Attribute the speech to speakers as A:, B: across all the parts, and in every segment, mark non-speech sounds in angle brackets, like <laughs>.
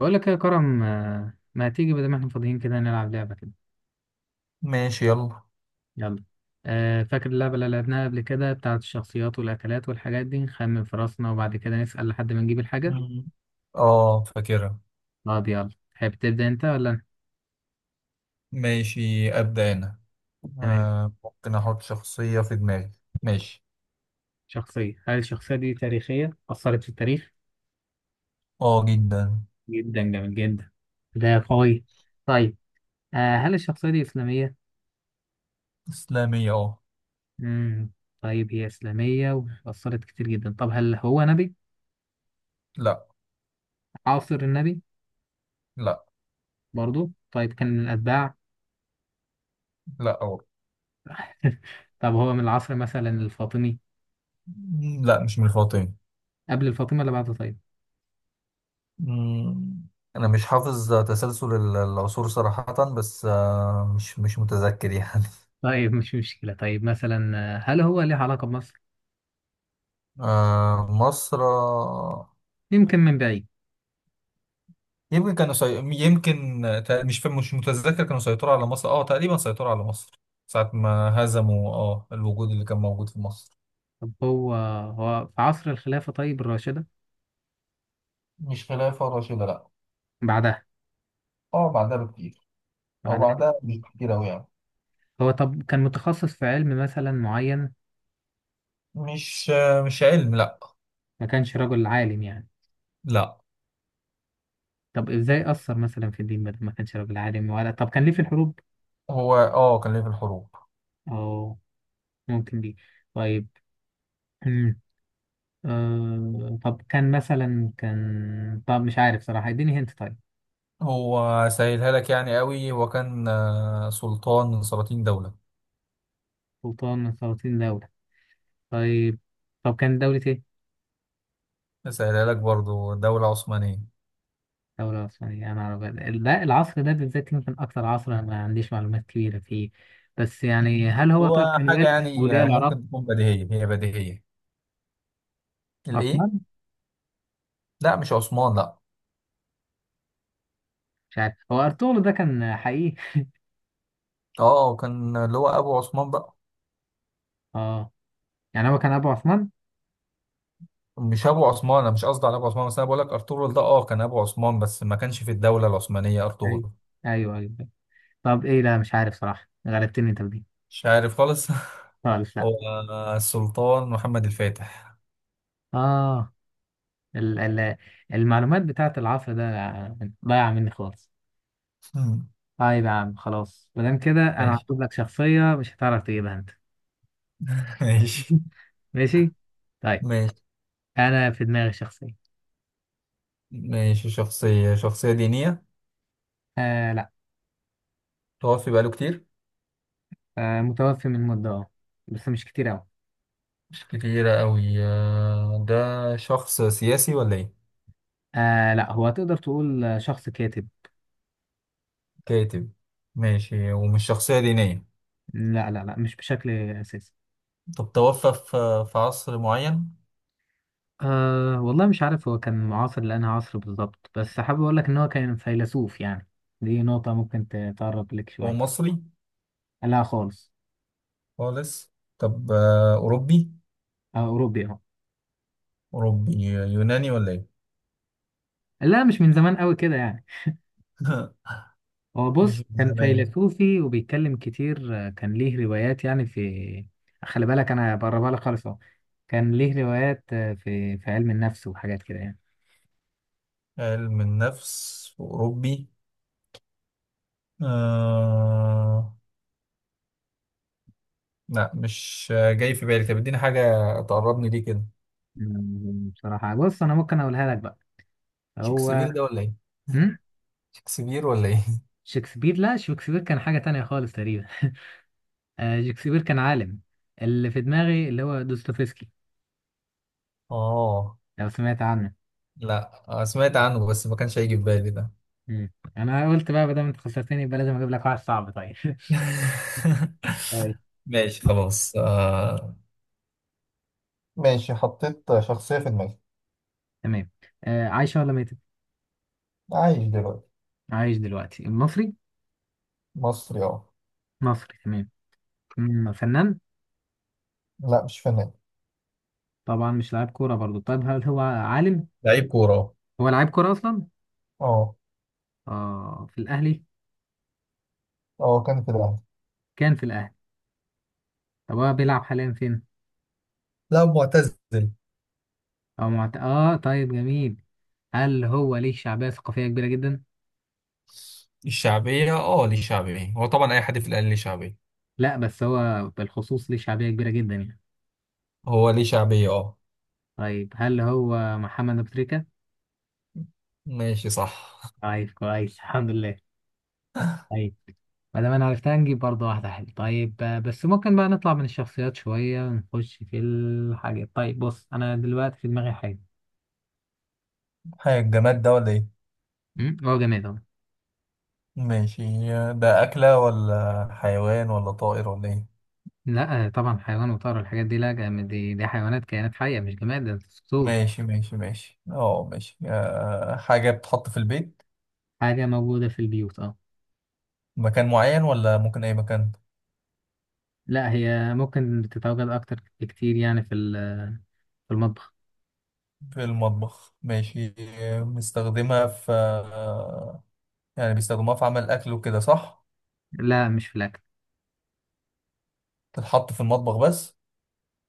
A: بقول لك يا كرم ما تيجي بدل ما احنا فاضيين كده نلعب لعبة كده.
B: ماشي، يلا.
A: يلا. فاكر اللعبة اللي لعبناها قبل كده بتاعت الشخصيات والأكلات والحاجات دي، نخمن في راسنا وبعد كده نسأل لحد ما نجيب الحاجة.
B: مم. اه، فاكرها.
A: اه دي، يلا تحب تبدأ انت ولا أنا؟
B: ماشي، أبدأ أنا.
A: تمام.
B: ممكن أحط شخصية في دماغي. ماشي.
A: شخصية، هل الشخصية دي تاريخية أثرت في التاريخ؟
B: اه، جدا.
A: جدا، جميل جدا. ده قوي. طيب. هل الشخصية دي إسلامية؟
B: إسلامية، اه.
A: مم. طيب هي إسلامية وأثرت كتير جدا. طب هل هو نبي؟
B: لا.
A: عاصر النبي؟
B: لا.
A: برضو طيب، كان من الأتباع؟
B: لا أو.
A: <laughs> طب هو من العصر مثلا الفاطمي؟
B: لا، مش من الفاطمي.
A: قبل الفاطمي ولا بعده؟ طيب
B: مم، أنا مش حافظ تسلسل العصور صراحة، بس مش متذكر يعني.
A: طيب، مش مشكلة. طيب مثلا، هل هو ليه علاقة بمصر؟
B: <laughs> آه، مصر.
A: يمكن من بعيد.
B: يمكن كانوا يمكن مش فاهم، مش متذكر، كانوا سيطروا على مصر، تقريبا سيطروا على مصر. ساعة ما هزموا الوجود اللي كان موجود في مصر.
A: طب هو، في عصر الخلافة؟ طيب الراشدة؟
B: مش خلافة راشدة، لا.
A: بعدها؟
B: اه، بعدها بكتير. او
A: بعدها.
B: بعدها مش كتير اوي يعني.
A: هو طب كان متخصص في علم مثلا معين؟
B: مش مش علم، لا.
A: ما كانش رجل عالم يعني؟
B: لا.
A: طب ازاي أثر مثلا في الدين بدل ما كانش رجل عالم؟ ولا طب كان ليه في الحروب؟
B: هو كان ليه في الحروب.
A: اه. ممكن دي. طيب. <clears throat> أمم، آه طب كان مثلا، كان طب مش عارف صراحة، اديني هنت. طيب
B: هو سهلها لك يعني قوي. هو كان سلطان من سلاطين دولة.
A: سلطان من 30 دولة. طيب. طب كانت دولة إيه؟
B: سهلها لك برضو، دولة عثمانية.
A: دولة عثمانية أنا أعرف. لا العصر ده بالذات يمكن أكتر عصر أنا ما عنديش معلومات كبيرة فيه. بس يعني هل
B: بس
A: هو، طيب
B: هو
A: كان
B: حاجة
A: والد
B: يعني
A: أولياء العراق؟
B: ممكن تكون بديهية، هي بديهية. الإيه؟
A: عثمان؟
B: لا، مش عثمان، لا.
A: مش عارف. هو أرطغرل ده كان حقيقي؟
B: اه، وكان اللي هو ابو عثمان بقى.
A: أه. يعني هو كان أبو عثمان؟
B: مش ابو عثمان، انا مش قصدي على ابو عثمان، بس انا بقول لك ارطغرل ده كان ابو عثمان، بس ما كانش في الدوله العثمانيه ارطغرل.
A: أيوه أيوه أيوه. طب إيه، لا مش عارف صراحة، غلبتني أنت بدي.
B: مش عارف خالص. <laughs>
A: خالص، لا.
B: هو السلطان محمد الفاتح.
A: أه. ال المعلومات بتاعت العصر ده ضايعة مني خالص.
B: مم.
A: طيب يا عم خلاص، مادام كده انا
B: ماشي.
A: هجيب لك شخصية مش هتعرف تجيبها انت.
B: <laughs> ماشي،
A: <laughs> ماشي. طيب،
B: ماشي،
A: انا في دماغي شخصية.
B: ماشي. شخصيه، شخصيه دينيه؟
A: آه لا.
B: توفي بقاله كتير.
A: آه، متوفي من مدة اه، بس مش كتير اوي.
B: مش كتيرة أوي. ده شخص سياسي ولا إيه؟
A: آه لا، هو تقدر تقول شخص كاتب.
B: كاتب. ماشي، ومش شخصية دينية.
A: لا لا لا، مش بشكل اساسي.
B: طب توفى في عصر معين؟
A: آه والله مش عارف هو كان معاصر لأنها عصر بالظبط، بس حابب اقول لك ان هو كان فيلسوف يعني. دي نقطة ممكن تقرب لك
B: هو
A: شوية.
B: مصري؟
A: لا خالص.
B: خالص. طب أوروبي؟
A: آه اوروبي اهو.
B: أوروبي يوناني ولا إيه؟
A: لا مش من زمان قوي كده يعني.
B: <laughs>
A: هو
B: مش
A: بص
B: من
A: كان
B: زمان.
A: فيلسوفي وبيتكلم كتير، كان ليه روايات يعني في. خلي بالك انا بقربها لك خالص اهو. كان ليه روايات في علم النفس وحاجات كده يعني.
B: علم النفس أوروبي. آه... لا، مش جاي في بالي. طب اديني حاجة تقربني ليه كده.
A: بصراحة بص انا ممكن اقولها لك بقى. هو.
B: شكسبير ده ولا إيه؟
A: مم؟
B: شكسبير ولا إيه؟ <laughs>
A: شكسبير؟ لا شكسبير كان حاجة تانية خالص تقريبا. <laughs> شكسبير كان عالم. اللي في دماغي اللي هو دوستويفسكي،
B: آه،
A: لو سمعت عنه.
B: لا. سمعت عنه بس ما كانش هيجي في بالي ده.
A: مم. انا قلت بقى بدل ما انت خسرتني يبقى لازم اجيب لك واحد صعب. طيب. <laughs> طيب،
B: <laughs> ماشي، خلاص. ماشي، حطيت شخصية في دماغي.
A: تمام. عايشة ولا ميتة؟
B: عايش دلوقتي.
A: عايش دلوقتي، المصري؟
B: مصري، اه.
A: مصري تمام. فنان؟
B: لا، مش فنان.
A: طبعا مش لاعب كورة برضو. طيب هل هو عالم؟
B: لعيب كورة.
A: هو لاعب كورة أصلا؟
B: اه.
A: اه، في الأهلي؟
B: اه، كان في الاهلي.
A: كان في الأهلي. طب هو بيلعب حاليا فين؟
B: لا، معتزل.
A: أو اه طيب جميل. هل هو ليه شعبية ثقافية كبيرة جدا؟
B: الشعبية، ليه شعبية، هو طبعا أي حد في الأهلي ليه شعبية.
A: لا بس هو بالخصوص ليه شعبية كبيرة جدا يعني.
B: هو ليه شعبية، اه.
A: طيب هل هو محمد أبو تريكة؟
B: ماشي، صح.
A: طيب كويس، الحمد لله. طيب. ما دام انا عرفتها نجيب برضه واحدة حلوة. طيب بس ممكن بقى نطلع من الشخصيات شوية ونخش في الحاجات. طيب بص انا دلوقتي في دماغي حاجة.
B: حاجة، الجماد ده ولا ايه؟
A: هو جماد اهو.
B: ماشي. ده أكلة ولا حيوان ولا طائر ولا ايه؟
A: لا طبعا حيوان وطائر الحاجات دي لا جماد، دي, دي حيوانات كائنات حية مش جماد، ده دستور.
B: ماشي، ماشي، ماشي، اه، ماشي. حاجة بتتحط في البيت؟
A: حاجة موجودة في البيوت اه.
B: مكان معين ولا ممكن أي مكان؟
A: لا هي ممكن تتواجد أكتر بكتير يعني في في المطبخ.
B: في المطبخ؟ ماشي. بنستخدمها في يعني بيستخدموها في عمل الأكل وكده، صح؟
A: لا مش في الأكل.
B: تتحط في المطبخ بس؟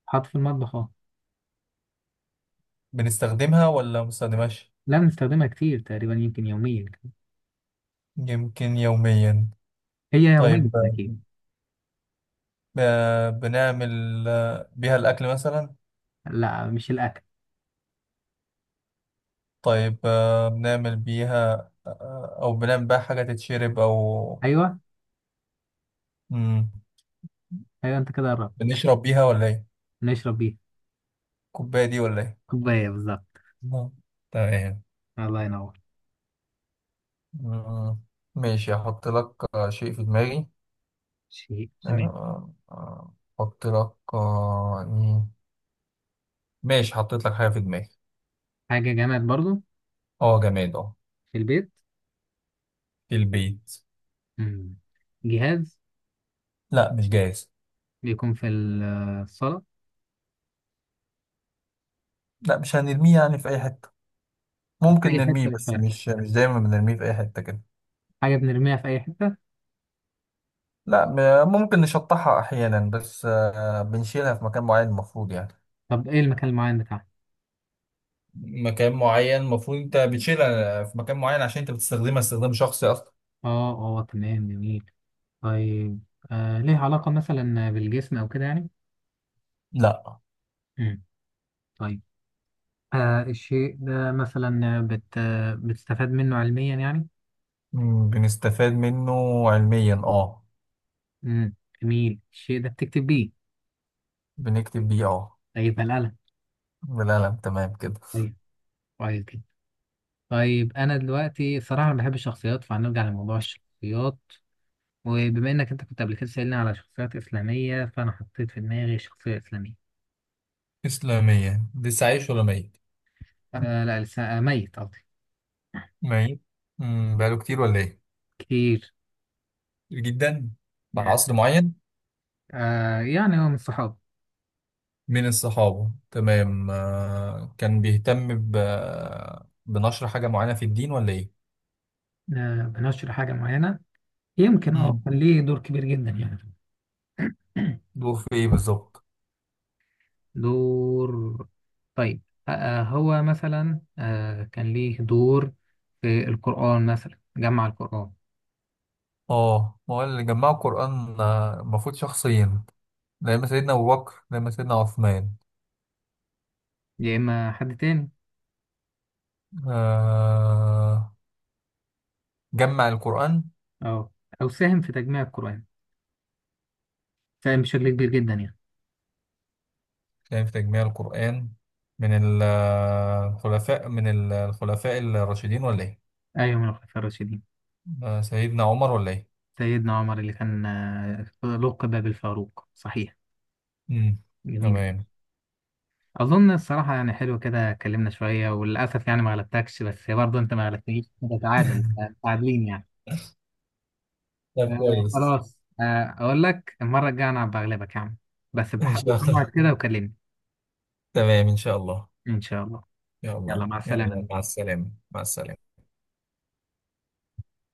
A: حط في المطبخ اه.
B: بنستخدمها ولا ما بنستخدمهاش؟
A: لا بنستخدمها كتير، تقريبا يمكن يوميا.
B: يمكن يوميا؟
A: هي يوميا
B: طيب.
A: أكيد.
B: بنعمل بيها الأكل مثلا؟
A: لا مش الأكل.
B: طيب. بنعمل بيها، أو بنعمل بيها حاجة تتشرب، أو؟
A: أيوه
B: مم.
A: أيوه، أنت كده قربت.
B: بنشرب بيها ولا إيه؟
A: نشرب بيها.
B: الكوباية دي ولا إيه؟
A: كوباية بالظبط.
B: نعم. تمام.
A: الله ينور.
B: مم. ماشي، هحط لك شيء في دماغي.
A: شيء تمام.
B: آه، آه، أحط لك إيه؟ ماشي، حطيت لك حاجة في دماغي.
A: حاجة جماد برضو.
B: أه، جماد، أه.
A: في البيت.
B: في البيت.
A: مم. جهاز.
B: لا، مش جاهز.
A: بيكون في الصالة.
B: لا، مش هنرميه يعني في اي حته.
A: في
B: ممكن
A: أي
B: نرميه،
A: حتة مش
B: بس
A: فارق.
B: مش دايما بنرميه في اي حته كده.
A: حاجة بنرميها في أي حتة.
B: لا. ممكن نشطحها احيانا، بس بنشيلها في مكان معين المفروض يعني.
A: طب إيه المكان المعين بتاعها؟
B: مكان معين، المفروض انت بتشيلها في مكان معين عشان انت بتستخدمها استخدام شخصي اصلا.
A: آه، آه تمام جميل. طيب. آه ليه علاقة مثلا بالجسم أو كده يعني؟
B: لا.
A: مم. طيب الشيء ده مثلا، بت آه، بتستفاد منه علميا يعني؟
B: بنستفاد منه علميا، اه.
A: مم. جميل. الشيء ده بتكتب بيه؟
B: بنكتب بيه، اه.
A: طيب القلم.
B: بالقلم، تمام كده.
A: طيب، كويس جدا. طيب أنا دلوقتي الصراحة أنا بحب الشخصيات فهنرجع لموضوع الشخصيات. وبما إنك أنت كنت قبل كده سألني على شخصيات إسلامية فأنا حطيت في دماغي شخصية إسلامية.
B: اسلاميا. لسه عايش ولا ميت؟
A: آه لا لسه، ميت قصدي.
B: ميت. بقاله كتير ولا ايه؟
A: كتير
B: كتير جدا. في
A: يعني.
B: عصر معين.
A: آه يعني هو من الصحاب.
B: من الصحابة، تمام. كان بيهتم بنشر حاجة معينة في الدين ولا إيه؟
A: آه بنشر حاجة معينة، يمكن اه
B: امم
A: كان ليه دور كبير جدا يعني. <clears throat>
B: دوره في إيه بالظبط؟
A: دور. طيب. هو مثلا كان ليه دور في القرآن، مثلا جمع القرآن.
B: ما هو اللي جمعوا القرآن، المفروض شخصين. لما سيدنا أبو بكر، لما سيدنا عثمان.
A: يا إما حد تاني،
B: آه... جمع القرآن.
A: أو أو ساهم في تجميع القرآن، ساهم بشكل كبير جدا يعني.
B: كان في تجميع القرآن. من الخلفاء، من الخلفاء الراشدين ولا إيه؟
A: أيوة من الخلفاء الراشدين.
B: سيدنا عمر ولا إيه؟
A: سيدنا عمر، اللي كان آه لقب بالفاروق، صحيح.
B: مم،
A: جميل.
B: تمام.
A: اظن الصراحه يعني حلو كده اتكلمنا شويه، وللاسف يعني ما غلبتكش، بس برضه انت ما غلبتنيش، ده تعادل،
B: <laughs>
A: متعادلين يعني.
B: طيب،
A: آه
B: كويس.
A: خلاص، آه اقول لك المره الجايه انا بغلبك يا عم، بس
B: ان
A: بحدد
B: شاء الله.
A: موعد كده وكلمني.
B: تمام، ان شاء الله.
A: ان شاء الله. يلا
B: يلا،
A: مع السلامه.
B: يلا، مع السلامة، مع السلامة.